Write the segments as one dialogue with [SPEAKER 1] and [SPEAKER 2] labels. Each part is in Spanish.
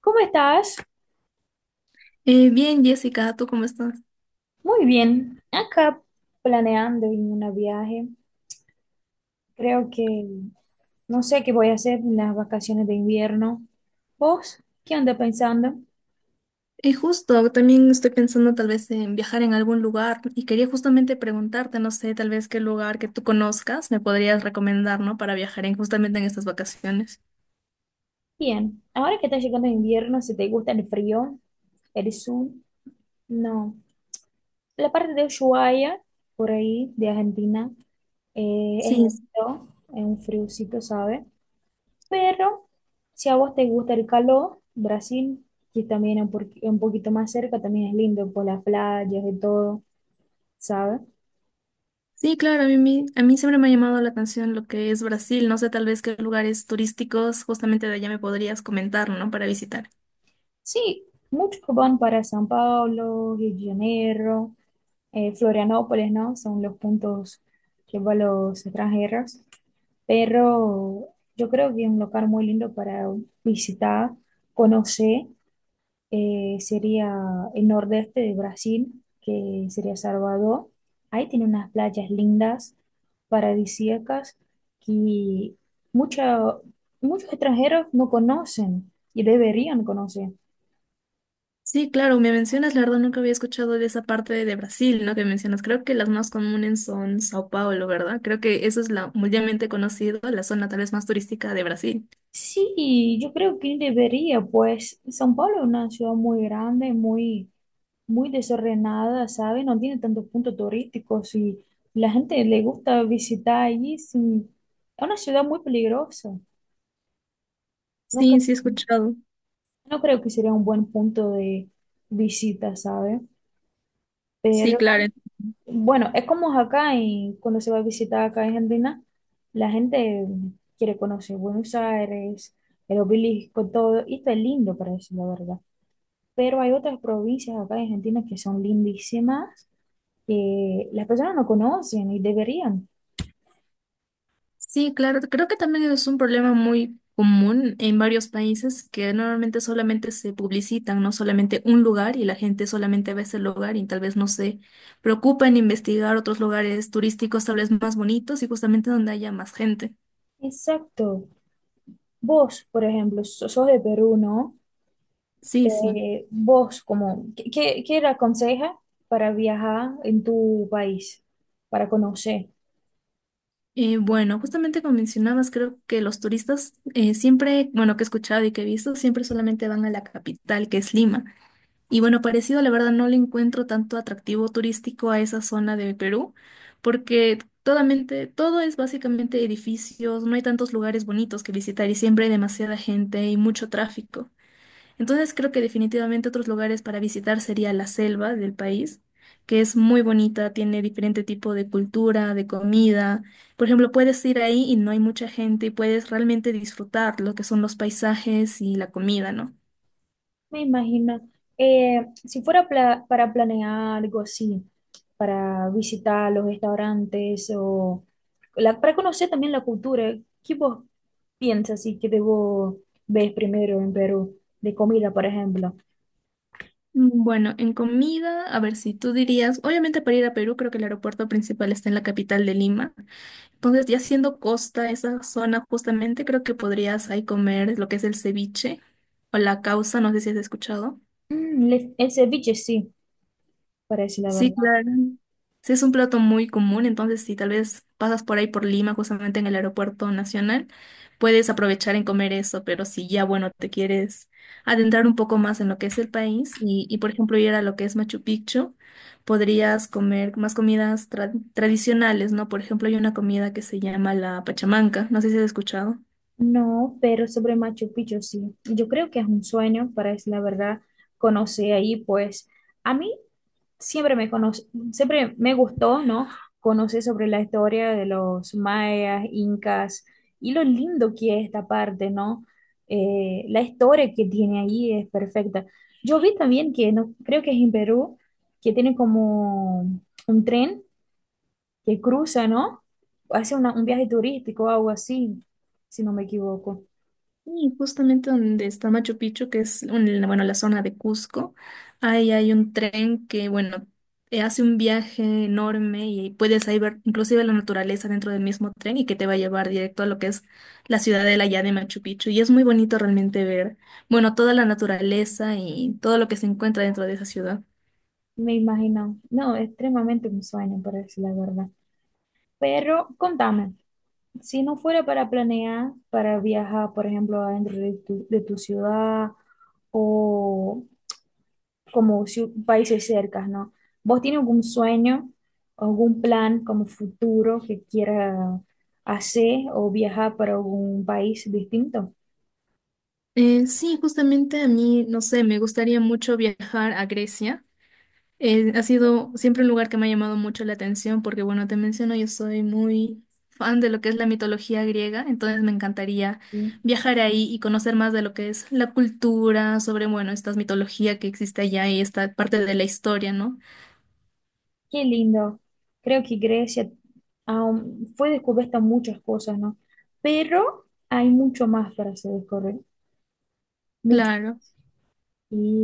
[SPEAKER 1] ¿Cómo estás?
[SPEAKER 2] Bien, Jessica, ¿tú cómo estás?
[SPEAKER 1] Muy bien. Acá planeando en un viaje. Creo que no sé qué voy a hacer en las vacaciones de invierno. ¿Vos qué andas pensando?
[SPEAKER 2] Justo, también estoy pensando tal vez en viajar en algún lugar y quería justamente preguntarte, no sé, tal vez qué lugar que tú conozcas me podrías recomendar, ¿no? Para viajar en justamente en estas vacaciones.
[SPEAKER 1] Bien. Ahora que está llegando el invierno, si te gusta el frío, el sur, no. La parte de Ushuaia, por ahí, de Argentina, es
[SPEAKER 2] Sí, es-
[SPEAKER 1] lindo, es un friocito, ¿sabes? Pero si a vos te gusta el calor, Brasil, que también es un poquito más cerca, también es lindo por las playas y todo, ¿sabes?
[SPEAKER 2] sí, claro, a mí, a mí siempre me ha llamado la atención lo que es Brasil, no sé, tal vez qué lugares turísticos justamente de allá me podrías comentar, ¿no? Para visitar.
[SPEAKER 1] Sí, muchos van para San Pablo, Rio de Janeiro, Florianópolis, ¿no? Son los puntos que van los extranjeros. Pero yo creo que es un lugar muy lindo para visitar, conocer. Sería el nordeste de Brasil, que sería Salvador. Ahí tiene unas playas lindas, paradisíacas, que mucha- muchos extranjeros no conocen y deberían conocer.
[SPEAKER 2] Sí, claro, me mencionas, la verdad nunca había escuchado de esa parte de Brasil, ¿no? Que mencionas. Creo que las más comunes son Sao Paulo, ¿verdad? Creo que eso es la mundialmente conocida, la zona tal vez más turística de Brasil.
[SPEAKER 1] Sí, yo creo que debería, pues São Paulo es una ciudad muy grande, muy desordenada, ¿sabes? No tiene tantos puntos turísticos y la gente le gusta visitar allí. Sí. Es una ciudad muy peligrosa. ¿No?
[SPEAKER 2] Sí, sí he escuchado.
[SPEAKER 1] No creo que sería un buen punto de visita, ¿sabes?
[SPEAKER 2] Sí,
[SPEAKER 1] Pero
[SPEAKER 2] claro.
[SPEAKER 1] bueno, es como acá y cuando se va a visitar acá a Argentina, la gente quiere conocer Buenos Aires, el obelisco, todo, y está lindo para decir la verdad. Pero hay otras provincias acá en Argentina que son lindísimas, que las personas no conocen y deberían.
[SPEAKER 2] Sí, claro, creo que también es un problema muy común en varios países que normalmente solamente se publicitan, no solamente un lugar y la gente solamente ve ese lugar y tal vez no se preocupa en investigar otros lugares turísticos tal vez más bonitos y justamente donde haya más gente.
[SPEAKER 1] Exacto. Vos, por ejemplo, sos de Perú, ¿no?
[SPEAKER 2] Sí, sí.
[SPEAKER 1] Vos, como, ¿qué le aconseja para viajar en tu país, para conocer?
[SPEAKER 2] Bueno, justamente como mencionabas, creo que los turistas siempre, bueno, que he escuchado y que he visto, siempre solamente van a la capital, que es Lima. Y bueno, parecido, la verdad, no le encuentro tanto atractivo turístico a esa zona de Perú, porque todamente, todo es básicamente edificios, no hay tantos lugares bonitos que visitar y siempre hay demasiada gente y mucho tráfico. Entonces creo que definitivamente otros lugares para visitar sería la selva del país, que es muy bonita, tiene diferente tipo de cultura, de comida. Por ejemplo, puedes ir ahí y no hay mucha gente y puedes realmente disfrutar lo que son los paisajes y la comida, ¿no?
[SPEAKER 1] Me imagino, si fuera para planear algo así, para visitar los restaurantes o para conocer también la cultura, ¿qué vos piensas y que debo ver primero en Perú de comida, por ejemplo?
[SPEAKER 2] Bueno, en comida, a ver si tú dirías, obviamente para ir a Perú creo que el aeropuerto principal está en la capital de Lima. Entonces, ya siendo costa, esa zona justamente creo que podrías ahí comer lo que es el ceviche o la causa, no sé si has escuchado.
[SPEAKER 1] Mm, el ceviche sí, parece la
[SPEAKER 2] Sí,
[SPEAKER 1] verdad.
[SPEAKER 2] claro. Sí, es un plato muy común, entonces si tal vez pasas por ahí por Lima, justamente en el aeropuerto nacional, puedes aprovechar en comer eso, pero si ya, bueno, te quieres adentrar un poco más en lo que es el país y por ejemplo, ir a lo que es Machu Picchu, podrías comer más comidas tradicionales, ¿no? Por ejemplo, hay una comida que se llama la pachamanca, no sé si has escuchado.
[SPEAKER 1] No, pero sobre Machu Picchu sí. Yo creo que es un sueño, para es la verdad, conocer ahí, pues a mí siempre me conoce, siempre me gustó, ¿no? Conocer sobre la historia de los mayas, incas y lo lindo que es esta parte, ¿no? La historia que tiene ahí es perfecta. Yo vi también que, no, creo que es en Perú, que tiene como un tren que cruza, ¿no? Hace un viaje turístico o algo así, si no me equivoco.
[SPEAKER 2] Y justamente donde está Machu Picchu, bueno, la zona de Cusco, ahí hay un tren que, bueno, hace un viaje enorme y puedes ahí ver inclusive la naturaleza dentro del mismo tren y que te va a llevar directo a lo que es la ciudadela ya de Machu Picchu. Y es muy bonito realmente ver, bueno, toda la naturaleza y todo lo que se encuentra dentro de esa ciudad.
[SPEAKER 1] Me imagino. No, extremadamente un sueño, por decir la verdad. Pero contame, si no fuera para planear, para viajar, por ejemplo, adentro de tu ciudad o como países cercas, ¿no? ¿Vos tienes algún sueño, algún plan como futuro que quiera hacer o viajar para algún país distinto?
[SPEAKER 2] Sí, justamente a mí, no sé, me gustaría mucho viajar a Grecia. Ha sido siempre un lugar que me ha llamado mucho la atención porque, bueno, te menciono, yo soy muy fan de lo que es la mitología griega, entonces me encantaría viajar ahí y conocer más de lo que es la cultura, sobre, bueno, esta mitología que existe allá y esta parte de la historia, ¿no?
[SPEAKER 1] Qué lindo. Creo que Grecia aún fue descubierta muchas cosas, ¿no? Pero hay mucho más para hacer descubrir, mucho.
[SPEAKER 2] Claro.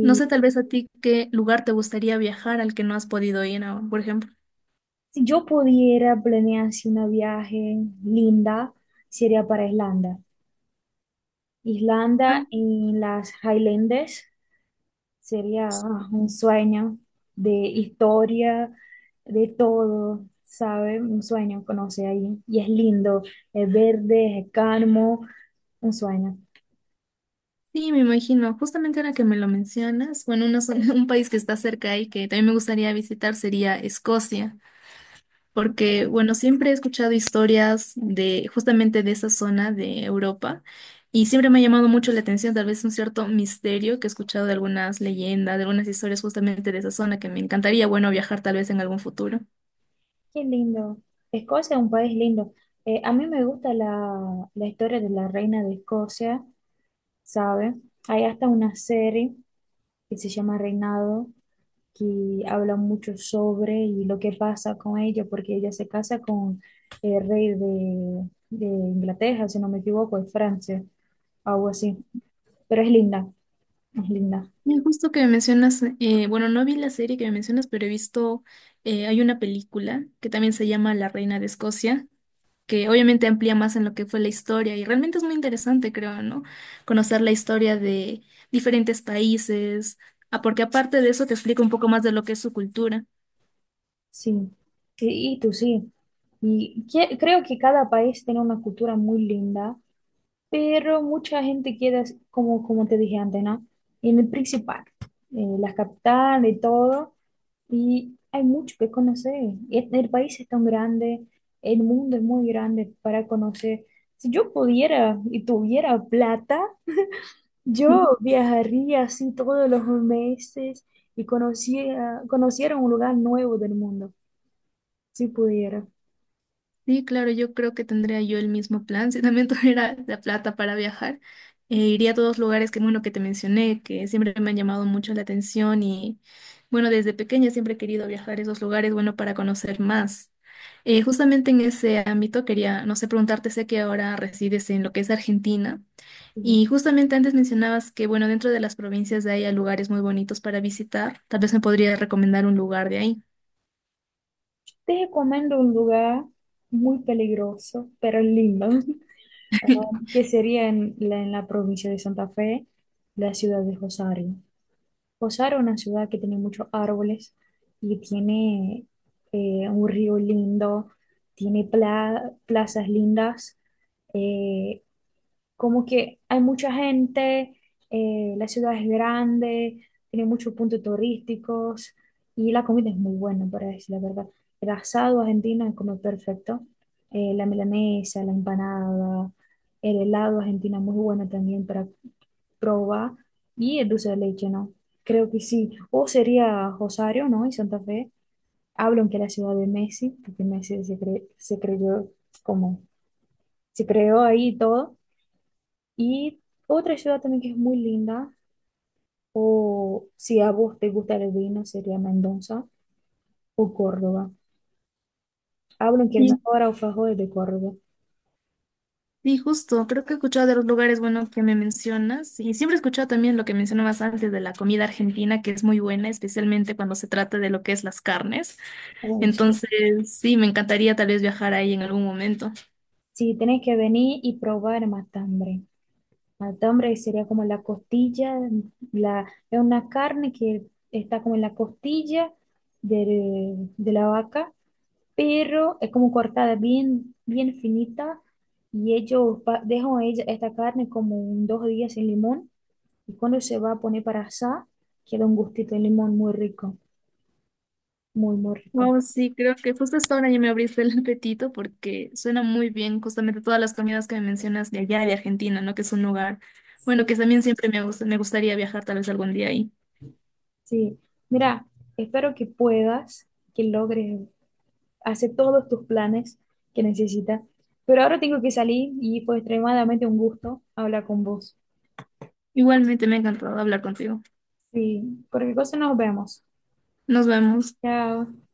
[SPEAKER 2] No sé tal vez a ti qué lugar te gustaría viajar al que no has podido ir aún, por ejemplo.
[SPEAKER 1] si yo pudiera planear así una viaje linda, sería para Islanda.
[SPEAKER 2] Ah,
[SPEAKER 1] Islanda en las Highlands sería
[SPEAKER 2] sí.
[SPEAKER 1] ah, un sueño de historia, de todo, ¿sabe? Un sueño conocer ahí. Y es lindo, es verde, es calmo, un sueño.
[SPEAKER 2] Sí, me imagino. Justamente ahora que me lo mencionas, bueno, una zona- un país que está cerca y que también me gustaría visitar sería Escocia. Porque, bueno, siempre he escuchado historias de justamente de esa zona de Europa y siempre me ha llamado mucho la atención, tal vez un cierto misterio que he escuchado de algunas leyendas, de algunas historias justamente de esa zona que me encantaría, bueno, viajar tal vez en algún futuro.
[SPEAKER 1] Qué lindo. Escocia es un país lindo. A mí me gusta la historia de la reina de Escocia, ¿sabes? Hay hasta una serie que se llama Reinado, que habla mucho sobre y lo que pasa con ella, porque ella se casa con el rey de Inglaterra, si no me equivoco, de Francia, algo así. Pero es linda,
[SPEAKER 2] Y justo que me mencionas, bueno, no vi la serie que me mencionas, pero he visto, hay una película que también se llama La Reina de Escocia que obviamente amplía más en lo que fue la historia y realmente es muy interesante, creo, ¿no? Conocer la historia de diferentes países, ah, porque aparte de eso te explica un poco más de lo que es su cultura.
[SPEAKER 1] sí. Y tú sí. Creo que cada país tiene una cultura muy linda pero mucha gente queda, como, como te dije antes, ¿no? En el principal, en la capital y todo, y hay mucho que conocer. El país es tan grande, el mundo es muy grande para conocer. Si yo pudiera y tuviera plata, yo viajaría así todos los meses y conocía, conociera un lugar nuevo del mundo, si pudiera.
[SPEAKER 2] Sí, claro, yo creo que tendría yo el mismo plan. Si también tuviera la plata para viajar, iría a todos los lugares que, bueno, que te mencioné, que siempre me han llamado mucho la atención y, bueno, desde pequeña siempre he querido viajar a esos lugares, bueno, para conocer más. Justamente en ese ámbito quería, no sé, preguntarte, sé que ahora resides en lo que es Argentina
[SPEAKER 1] Sí.
[SPEAKER 2] y justamente antes mencionabas que, bueno, dentro de las provincias de ahí hay lugares muy bonitos para visitar. Tal vez me podrías recomendar un lugar de ahí.
[SPEAKER 1] Te recomiendo un lugar muy peligroso, pero lindo. Que sería en la provincia de Santa Fe, la ciudad de Rosario. Rosario es una ciudad que tiene muchos árboles y tiene un río lindo, tiene plazas lindas, eh, como que hay mucha gente, la ciudad es grande, tiene muchos puntos turísticos y la comida es muy buena, para decir la verdad. El asado argentino es como perfecto, la milanesa, la empanada, el helado argentino es muy bueno también para probar y el dulce de leche, ¿no? Creo que sí. O sería Rosario, ¿no? Y Santa Fe. Hablan que la ciudad de Messi, porque se creyó como, se creó ahí y todo. Y otra ciudad también que es muy linda, o si a vos te gusta el vino, sería Mendoza o Córdoba. Hablan que el
[SPEAKER 2] Sí,
[SPEAKER 1] mejor alfajor es de Córdoba.
[SPEAKER 2] sí, justo, creo que he escuchado de los lugares, bueno, que me mencionas y siempre he escuchado también lo que mencionabas antes de la comida argentina, que es muy buena, especialmente cuando se trata de lo que es las carnes.
[SPEAKER 1] O si,
[SPEAKER 2] Entonces, sí, me encantaría tal vez viajar ahí en algún momento.
[SPEAKER 1] si tenés que venir y probar matambre. Matambre sería como la costilla, la, es una carne que está como en la costilla de la vaca, pero es como cortada bien finita y ellos dejan ella, esta carne como un 2 días sin limón. Y cuando se va a poner para asar, queda un gustito de limón muy rico, muy rico.
[SPEAKER 2] Wow, sí, creo que justo hasta ahora ya me abriste el apetito porque suena muy bien justamente todas las comidas que me mencionas de allá, de Argentina, ¿no? Que es un lugar, bueno, que
[SPEAKER 1] Sí,
[SPEAKER 2] también siempre me gusta, me gustaría viajar tal vez algún día ahí.
[SPEAKER 1] sí. Mira, espero que puedas, que logres hacer todos tus planes que necesitas. Pero ahora tengo que salir y fue extremadamente un gusto hablar con vos.
[SPEAKER 2] Igualmente me ha encantado hablar contigo.
[SPEAKER 1] Sí, por qué cosa nos vemos.
[SPEAKER 2] Nos vemos.
[SPEAKER 1] Chao.